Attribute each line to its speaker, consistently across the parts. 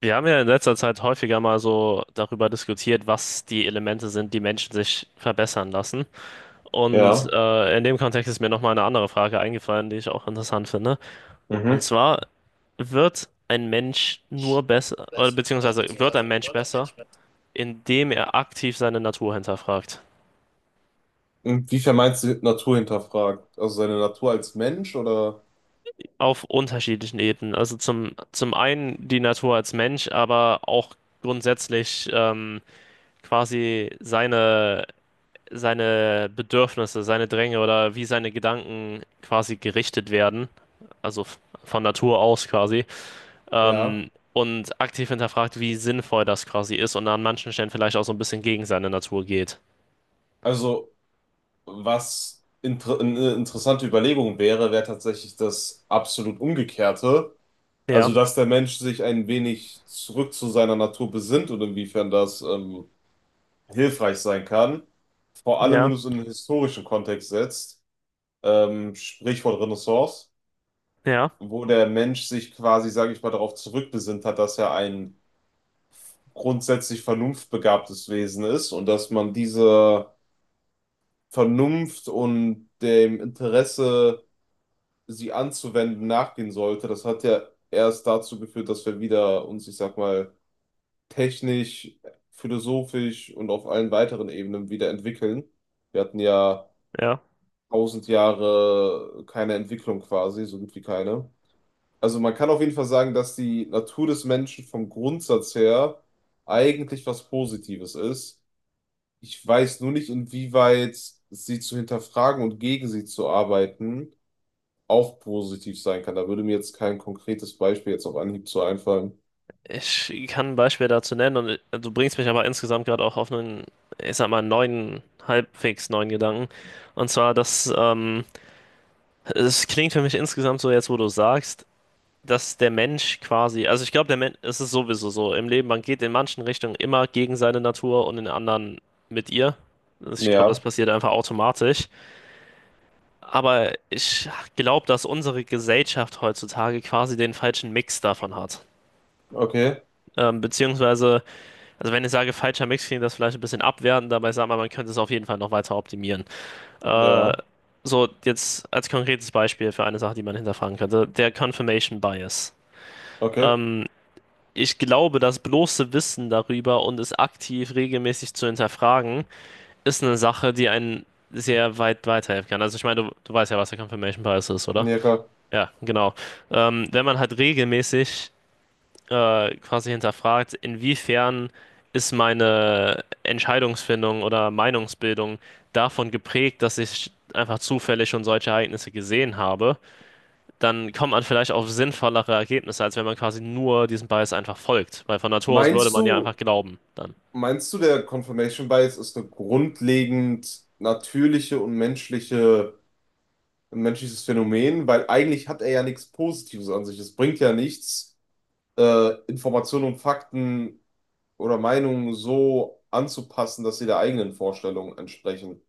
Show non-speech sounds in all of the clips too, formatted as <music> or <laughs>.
Speaker 1: Wir haben ja in letzter Zeit häufiger mal so darüber diskutiert, was die Elemente sind, die Menschen sich verbessern lassen. Und
Speaker 2: Ja.
Speaker 1: äh, in dem Kontext ist mir nochmal eine andere Frage eingefallen, die ich auch interessant finde. Und
Speaker 2: Mhm.
Speaker 1: zwar, wird ein Mensch nur besser, oder
Speaker 2: Das
Speaker 1: beziehungsweise
Speaker 2: ist
Speaker 1: wird ein
Speaker 2: Urban
Speaker 1: Mensch
Speaker 2: Urban
Speaker 1: besser,
Speaker 2: Management.
Speaker 1: indem er aktiv seine Natur hinterfragt?
Speaker 2: Inwiefern meinst du Natur hinterfragt? Also seine Natur als Mensch oder
Speaker 1: Auf unterschiedlichen Ebenen. Also zum einen die Natur als Mensch, aber auch grundsätzlich quasi seine Bedürfnisse, seine Dränge oder wie seine Gedanken quasi gerichtet werden, also von Natur aus quasi,
Speaker 2: ja?
Speaker 1: und aktiv hinterfragt, wie sinnvoll das quasi ist und an manchen Stellen vielleicht auch so ein bisschen gegen seine Natur geht.
Speaker 2: Also was inter eine interessante Überlegung wäre, wäre tatsächlich das absolut Umgekehrte. Also
Speaker 1: Ja,
Speaker 2: dass der Mensch sich ein wenig zurück zu seiner Natur besinnt und inwiefern das hilfreich sein kann. Vor allem, wenn
Speaker 1: ja,
Speaker 2: du es in einen historischen Kontext setzt, Sprichwort Renaissance,
Speaker 1: ja,
Speaker 2: wo der Mensch sich quasi, sage ich mal, darauf zurückbesinnt hat, dass er ein grundsätzlich vernunftbegabtes Wesen ist und dass man diese Vernunft und dem Interesse, sie anzuwenden, nachgehen sollte. Das hat ja erst dazu geführt, dass wir wieder uns, ich sag mal, technisch, philosophisch und auf allen weiteren Ebenen wieder entwickeln. Wir hatten ja
Speaker 1: ja.
Speaker 2: 1000 Jahre keine Entwicklung quasi, so gut wie keine. Also man kann auf jeden Fall sagen, dass die Natur des Menschen vom Grundsatz her eigentlich was Positives ist. Ich weiß nur nicht, inwieweit sie zu hinterfragen und gegen sie zu arbeiten auch positiv sein kann. Da würde mir jetzt kein konkretes Beispiel jetzt auf Anhieb zu einfallen.
Speaker 1: Ich kann ein Beispiel dazu nennen und du bringst mich aber insgesamt gerade auch auf einen, ich sag mal, neuen, halbwegs neuen Gedanken. Und zwar, dass es klingt für mich insgesamt so jetzt, wo du sagst, dass der Mensch quasi, also ich glaube, der Mensch, es ist sowieso so im Leben, man geht in manchen Richtungen immer gegen seine Natur und in anderen mit ihr. Ich glaube, das
Speaker 2: Ja,
Speaker 1: passiert einfach automatisch. Aber ich glaube, dass unsere Gesellschaft heutzutage quasi den falschen Mix davon hat.
Speaker 2: okay,
Speaker 1: Beziehungsweise, also wenn ich sage falscher Mix, klingt das vielleicht ein bisschen abwertend, dabei sagt man, man könnte es auf jeden Fall noch weiter optimieren. Äh,
Speaker 2: ja,
Speaker 1: so, jetzt als konkretes Beispiel für eine Sache, die man hinterfragen könnte, der Confirmation Bias.
Speaker 2: okay,
Speaker 1: Hm, Ich glaube, das bloße Wissen darüber und es aktiv regelmäßig zu hinterfragen, ist eine Sache, die einen sehr weit weiterhelfen kann. Also ich meine, du weißt ja, was der Confirmation Bias ist, oder?
Speaker 2: ja klar.
Speaker 1: Ja, genau. Wenn man halt regelmäßig quasi hinterfragt, inwiefern ist meine Entscheidungsfindung oder Meinungsbildung davon geprägt, dass ich einfach zufällig schon solche Ereignisse gesehen habe, dann kommt man vielleicht auf sinnvollere Ergebnisse, als wenn man quasi nur diesem Bias einfach folgt. Weil von Natur aus würde
Speaker 2: Meinst
Speaker 1: man ja einfach
Speaker 2: du,
Speaker 1: glauben dann.
Speaker 2: meinst du, der Confirmation Bias ist eine grundlegend natürliche und menschliche, ein menschliches Phänomen? Weil eigentlich hat er ja nichts Positives an sich. Es bringt ja nichts, Informationen und Fakten oder Meinungen so anzupassen, dass sie der eigenen Vorstellung entsprechen.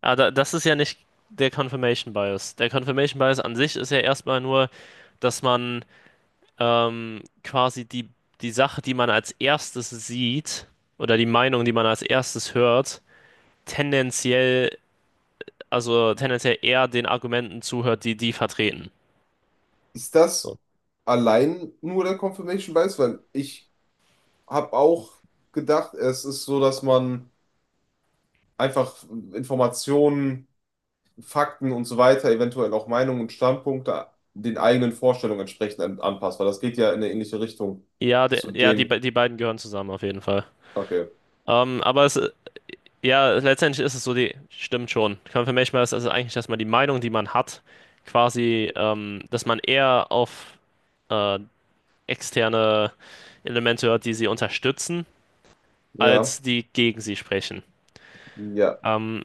Speaker 1: Aber das ist ja nicht der Confirmation Bias. Der Confirmation Bias an sich ist ja erstmal nur, dass man quasi die Sache, die man als erstes sieht oder die Meinung, die man als erstes hört, tendenziell, also tendenziell eher den Argumenten zuhört, die die vertreten.
Speaker 2: Ist
Speaker 1: So.
Speaker 2: das allein nur der Confirmation Bias? Weil ich habe auch gedacht, es ist so, dass man einfach Informationen, Fakten und so weiter, eventuell auch Meinungen und Standpunkte den eigenen Vorstellungen entsprechend anpasst, weil das geht ja in eine ähnliche Richtung
Speaker 1: Ja, der,
Speaker 2: zu
Speaker 1: ja die,
Speaker 2: dem.
Speaker 1: be- die beiden gehören zusammen auf jeden Fall.
Speaker 2: Okay.
Speaker 1: Ähm, aber es, Ja, letztendlich ist es so, die stimmt schon. Confirmation Bias ist also eigentlich, dass man die Meinung, die man hat, quasi dass man eher auf äh, externe Elemente hört, die sie unterstützen,
Speaker 2: Ja.
Speaker 1: als die gegen sie sprechen.
Speaker 2: Ja.
Speaker 1: Ähm,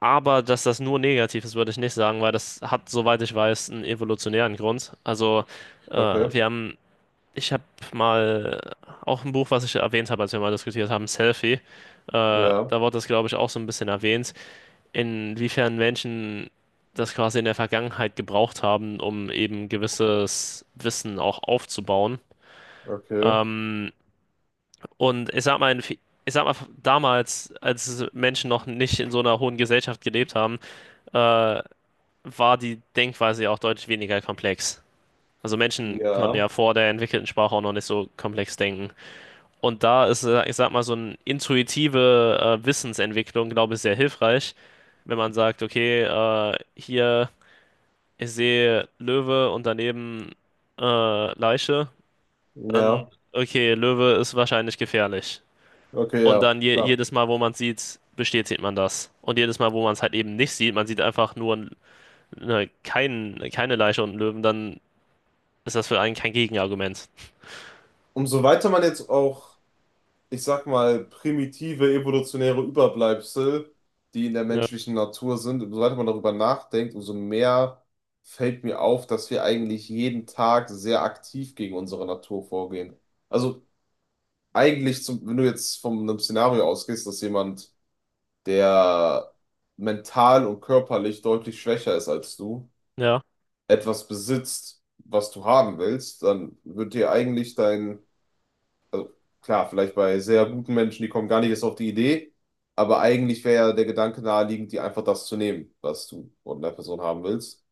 Speaker 1: aber dass das nur negativ ist, würde ich nicht sagen, weil das hat, soweit ich weiß, einen evolutionären Grund. Äh,
Speaker 2: Okay.
Speaker 1: wir haben, ich habe mal auch ein Buch, was ich erwähnt habe, als wir mal diskutiert haben, Selfie. Da
Speaker 2: Ja.
Speaker 1: wurde das, glaube ich, auch so ein bisschen erwähnt, inwiefern Menschen das quasi in der Vergangenheit gebraucht haben, um eben gewisses Wissen auch aufzubauen.
Speaker 2: Okay.
Speaker 1: Ähm, und ich sag mal, ich sag mal, damals, als Menschen noch nicht in so einer hohen Gesellschaft gelebt haben, äh, war die Denkweise ja auch deutlich weniger komplex. Also Menschen konnten
Speaker 2: Ja.
Speaker 1: ja vor der entwickelten Sprache auch noch nicht so komplex denken. Und da ist ich sag mal, so eine intuitive Wissensentwicklung, glaube ich, sehr hilfreich, wenn man sagt, okay, hier ich sehe Löwe und daneben Leiche, dann,
Speaker 2: Ja.
Speaker 1: okay, Löwe ist wahrscheinlich gefährlich.
Speaker 2: Okay,
Speaker 1: Und
Speaker 2: ja.
Speaker 1: dann
Speaker 2: Klar.
Speaker 1: jedes Mal, wo man es sieht, bestätigt man das. Und jedes Mal, wo man es halt eben nicht sieht, man sieht einfach nur keine Leiche und einen Löwen, dann ist das für einen kein Gegenargument.
Speaker 2: Umso weiter man jetzt auch, ich sag mal, primitive evolutionäre Überbleibsel, die in der
Speaker 1: Ja,
Speaker 2: menschlichen Natur sind, umso weiter man darüber nachdenkt, umso mehr fällt mir auf, dass wir eigentlich jeden Tag sehr aktiv gegen unsere Natur vorgehen. Also eigentlich, zum, wenn du jetzt von einem Szenario ausgehst, dass jemand, der mental und körperlich deutlich schwächer ist als du,
Speaker 1: ja,
Speaker 2: etwas besitzt, was du haben willst, dann wird dir eigentlich dein Klar, vielleicht bei sehr guten Menschen, die kommen gar nicht erst auf die Idee, aber eigentlich wäre ja der Gedanke naheliegend, dir einfach das zu nehmen, was du von der Person haben willst.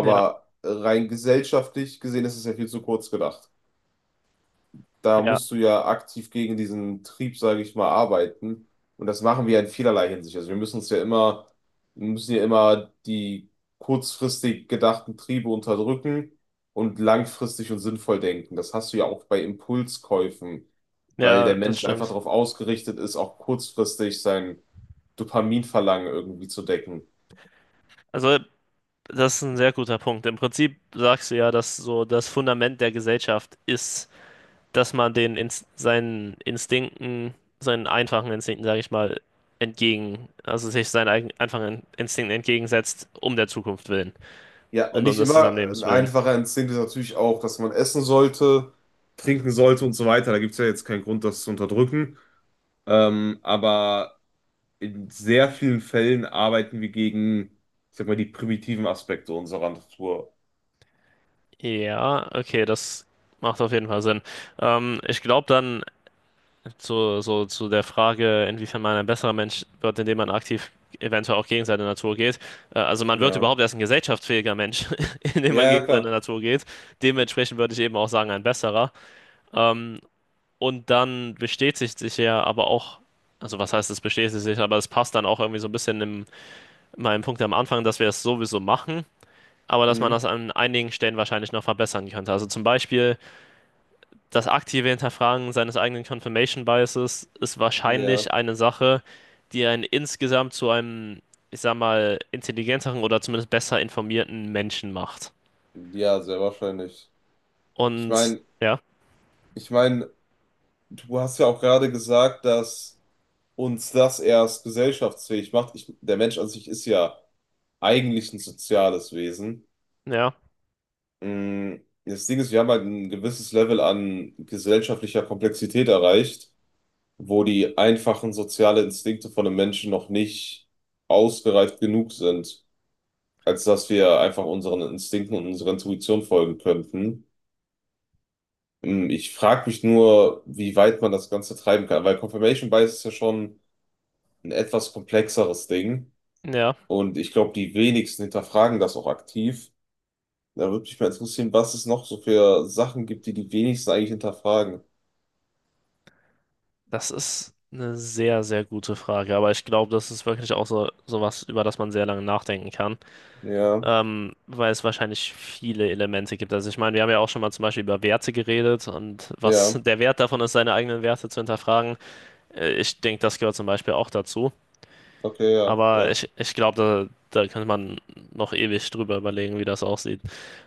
Speaker 1: ja,
Speaker 2: rein gesellschaftlich gesehen ist es ja viel zu kurz gedacht, da
Speaker 1: ja,
Speaker 2: musst du ja aktiv gegen diesen Trieb, sage ich mal, arbeiten. Und das machen wir ja in vielerlei Hinsicht. Also wir müssen ja immer die kurzfristig gedachten Triebe unterdrücken und langfristig und sinnvoll denken. Das hast du ja auch bei Impulskäufen, weil der
Speaker 1: ja, das
Speaker 2: Mensch einfach
Speaker 1: stimmt.
Speaker 2: darauf ausgerichtet ist, auch kurzfristig sein Dopaminverlangen irgendwie zu decken.
Speaker 1: Also, das ist ein sehr guter Punkt. Im Prinzip sagst du ja, dass so das Fundament der Gesellschaft ist, dass man den Inst seinen Instinkten, seinen einfachen Instinkten, sage ich mal, entgegen, also sich seinen eigenen einfachen Instinkten entgegensetzt, um der Zukunft willen
Speaker 2: Ja,
Speaker 1: und um
Speaker 2: nicht
Speaker 1: des
Speaker 2: immer.
Speaker 1: Zusammenlebens
Speaker 2: Ein
Speaker 1: willen.
Speaker 2: einfacher Instinkt ist natürlich auch, dass man essen sollte, trinken sollte und so weiter. Da gibt es ja jetzt keinen Grund, das zu unterdrücken. Aber in sehr vielen Fällen arbeiten wir gegen, ich sag mal, die primitiven Aspekte unserer Natur.
Speaker 1: Ja, okay, das macht auf jeden Fall Sinn. Ich glaube dann so zu der Frage, inwiefern man ein besserer Mensch wird, indem man aktiv eventuell auch gegen seine Natur geht. Also man wird
Speaker 2: Ja.
Speaker 1: überhaupt erst ein gesellschaftsfähiger Mensch, <laughs> indem man
Speaker 2: Ja, ja,
Speaker 1: gegen seine
Speaker 2: klar.
Speaker 1: Natur geht. Dementsprechend würde ich eben auch sagen, ein besserer. Ähm, Und dann bestätigt sich ja aber auch, also was heißt es bestätigt sich, aber es passt dann auch irgendwie so ein bisschen in meinem Punkt am Anfang, dass wir es sowieso machen, aber dass man
Speaker 2: Mhm.
Speaker 1: das an einigen Stellen wahrscheinlich noch verbessern könnte. Also zum Beispiel das aktive Hinterfragen seines eigenen Confirmation Biases ist wahrscheinlich
Speaker 2: Ja.
Speaker 1: eine Sache, die einen insgesamt zu einem, ich sag mal, intelligenteren oder zumindest besser informierten Menschen macht.
Speaker 2: Ja, sehr wahrscheinlich. Ich
Speaker 1: Und
Speaker 2: meine,
Speaker 1: ja,
Speaker 2: ich meine, du hast ja auch gerade gesagt, dass uns das erst gesellschaftsfähig macht. Ich, der Mensch an sich ist ja eigentlich ein soziales Wesen.
Speaker 1: ja,
Speaker 2: Mhm. Das Ding ist, wir haben halt ein gewisses Level an gesellschaftlicher Komplexität erreicht, wo die einfachen sozialen Instinkte von einem Menschen noch nicht ausgereift genug sind, als dass wir einfach unseren Instinkten und unserer Intuition folgen könnten. Hm. Ich frage mich nur, wie weit man das Ganze treiben kann, weil Confirmation Bias ist ja schon ein etwas komplexeres Ding
Speaker 1: ja.
Speaker 2: und ich glaube, die wenigsten hinterfragen das auch aktiv. Da würde mich mal interessieren, was es noch so für Sachen gibt, die die wenigsten eigentlich hinterfragen.
Speaker 1: Das ist eine sehr, sehr gute Frage, aber ich glaube, das ist wirklich auch so sowas, über das man sehr lange nachdenken kann,
Speaker 2: Ja,
Speaker 1: weil es wahrscheinlich viele Elemente gibt. Also ich meine, wir haben ja auch schon mal zum Beispiel über Werte geredet und
Speaker 2: ja,
Speaker 1: was <laughs> der Wert davon ist, seine eigenen Werte zu hinterfragen. Ich denke, das gehört zum Beispiel auch dazu.
Speaker 2: okay, ja,
Speaker 1: Aber
Speaker 2: ja.
Speaker 1: ich, ich glaube, da könnte man noch ewig drüber überlegen, wie das aussieht.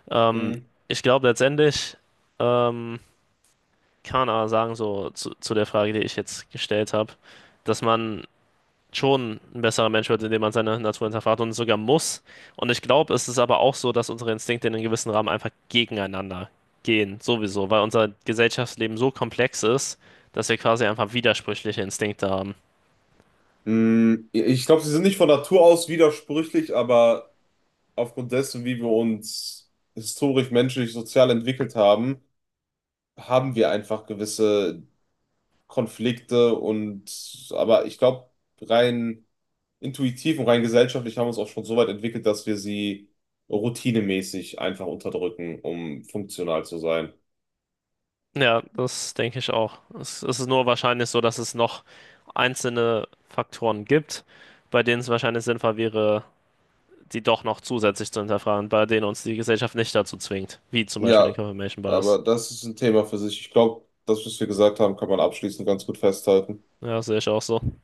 Speaker 1: Ähm,
Speaker 2: Hm.
Speaker 1: ich glaube letztendlich, ähm, kann man aber sagen, so zu der Frage, die ich jetzt gestellt habe, dass man schon ein besserer Mensch wird, indem man seine Natur hinterfragt und sogar muss. Und ich glaube, es ist aber auch so, dass unsere Instinkte in einem gewissen Rahmen einfach gegeneinander gehen, sowieso, weil unser Gesellschaftsleben so komplex ist, dass wir quasi einfach widersprüchliche Instinkte haben.
Speaker 2: Mm. Ich glaube, sie sind nicht von Natur aus widersprüchlich, aber aufgrund dessen, wie wir uns historisch, menschlich, sozial entwickelt haben, haben wir einfach gewisse Konflikte und, aber ich glaube, rein intuitiv und rein gesellschaftlich haben wir uns auch schon so weit entwickelt, dass wir sie routinemäßig einfach unterdrücken, um funktional zu sein.
Speaker 1: Ja, das denke ich auch. Es ist nur wahrscheinlich so, dass es noch einzelne Faktoren gibt, bei denen es wahrscheinlich sinnvoll wäre, die doch noch zusätzlich zu hinterfragen, bei denen uns die Gesellschaft nicht dazu zwingt, wie zum Beispiel den
Speaker 2: Ja,
Speaker 1: Confirmation Bias.
Speaker 2: aber das ist ein Thema für sich. Ich glaube, das, was wir gesagt haben, kann man abschließend ganz gut festhalten.
Speaker 1: Ja, sehe ich auch so.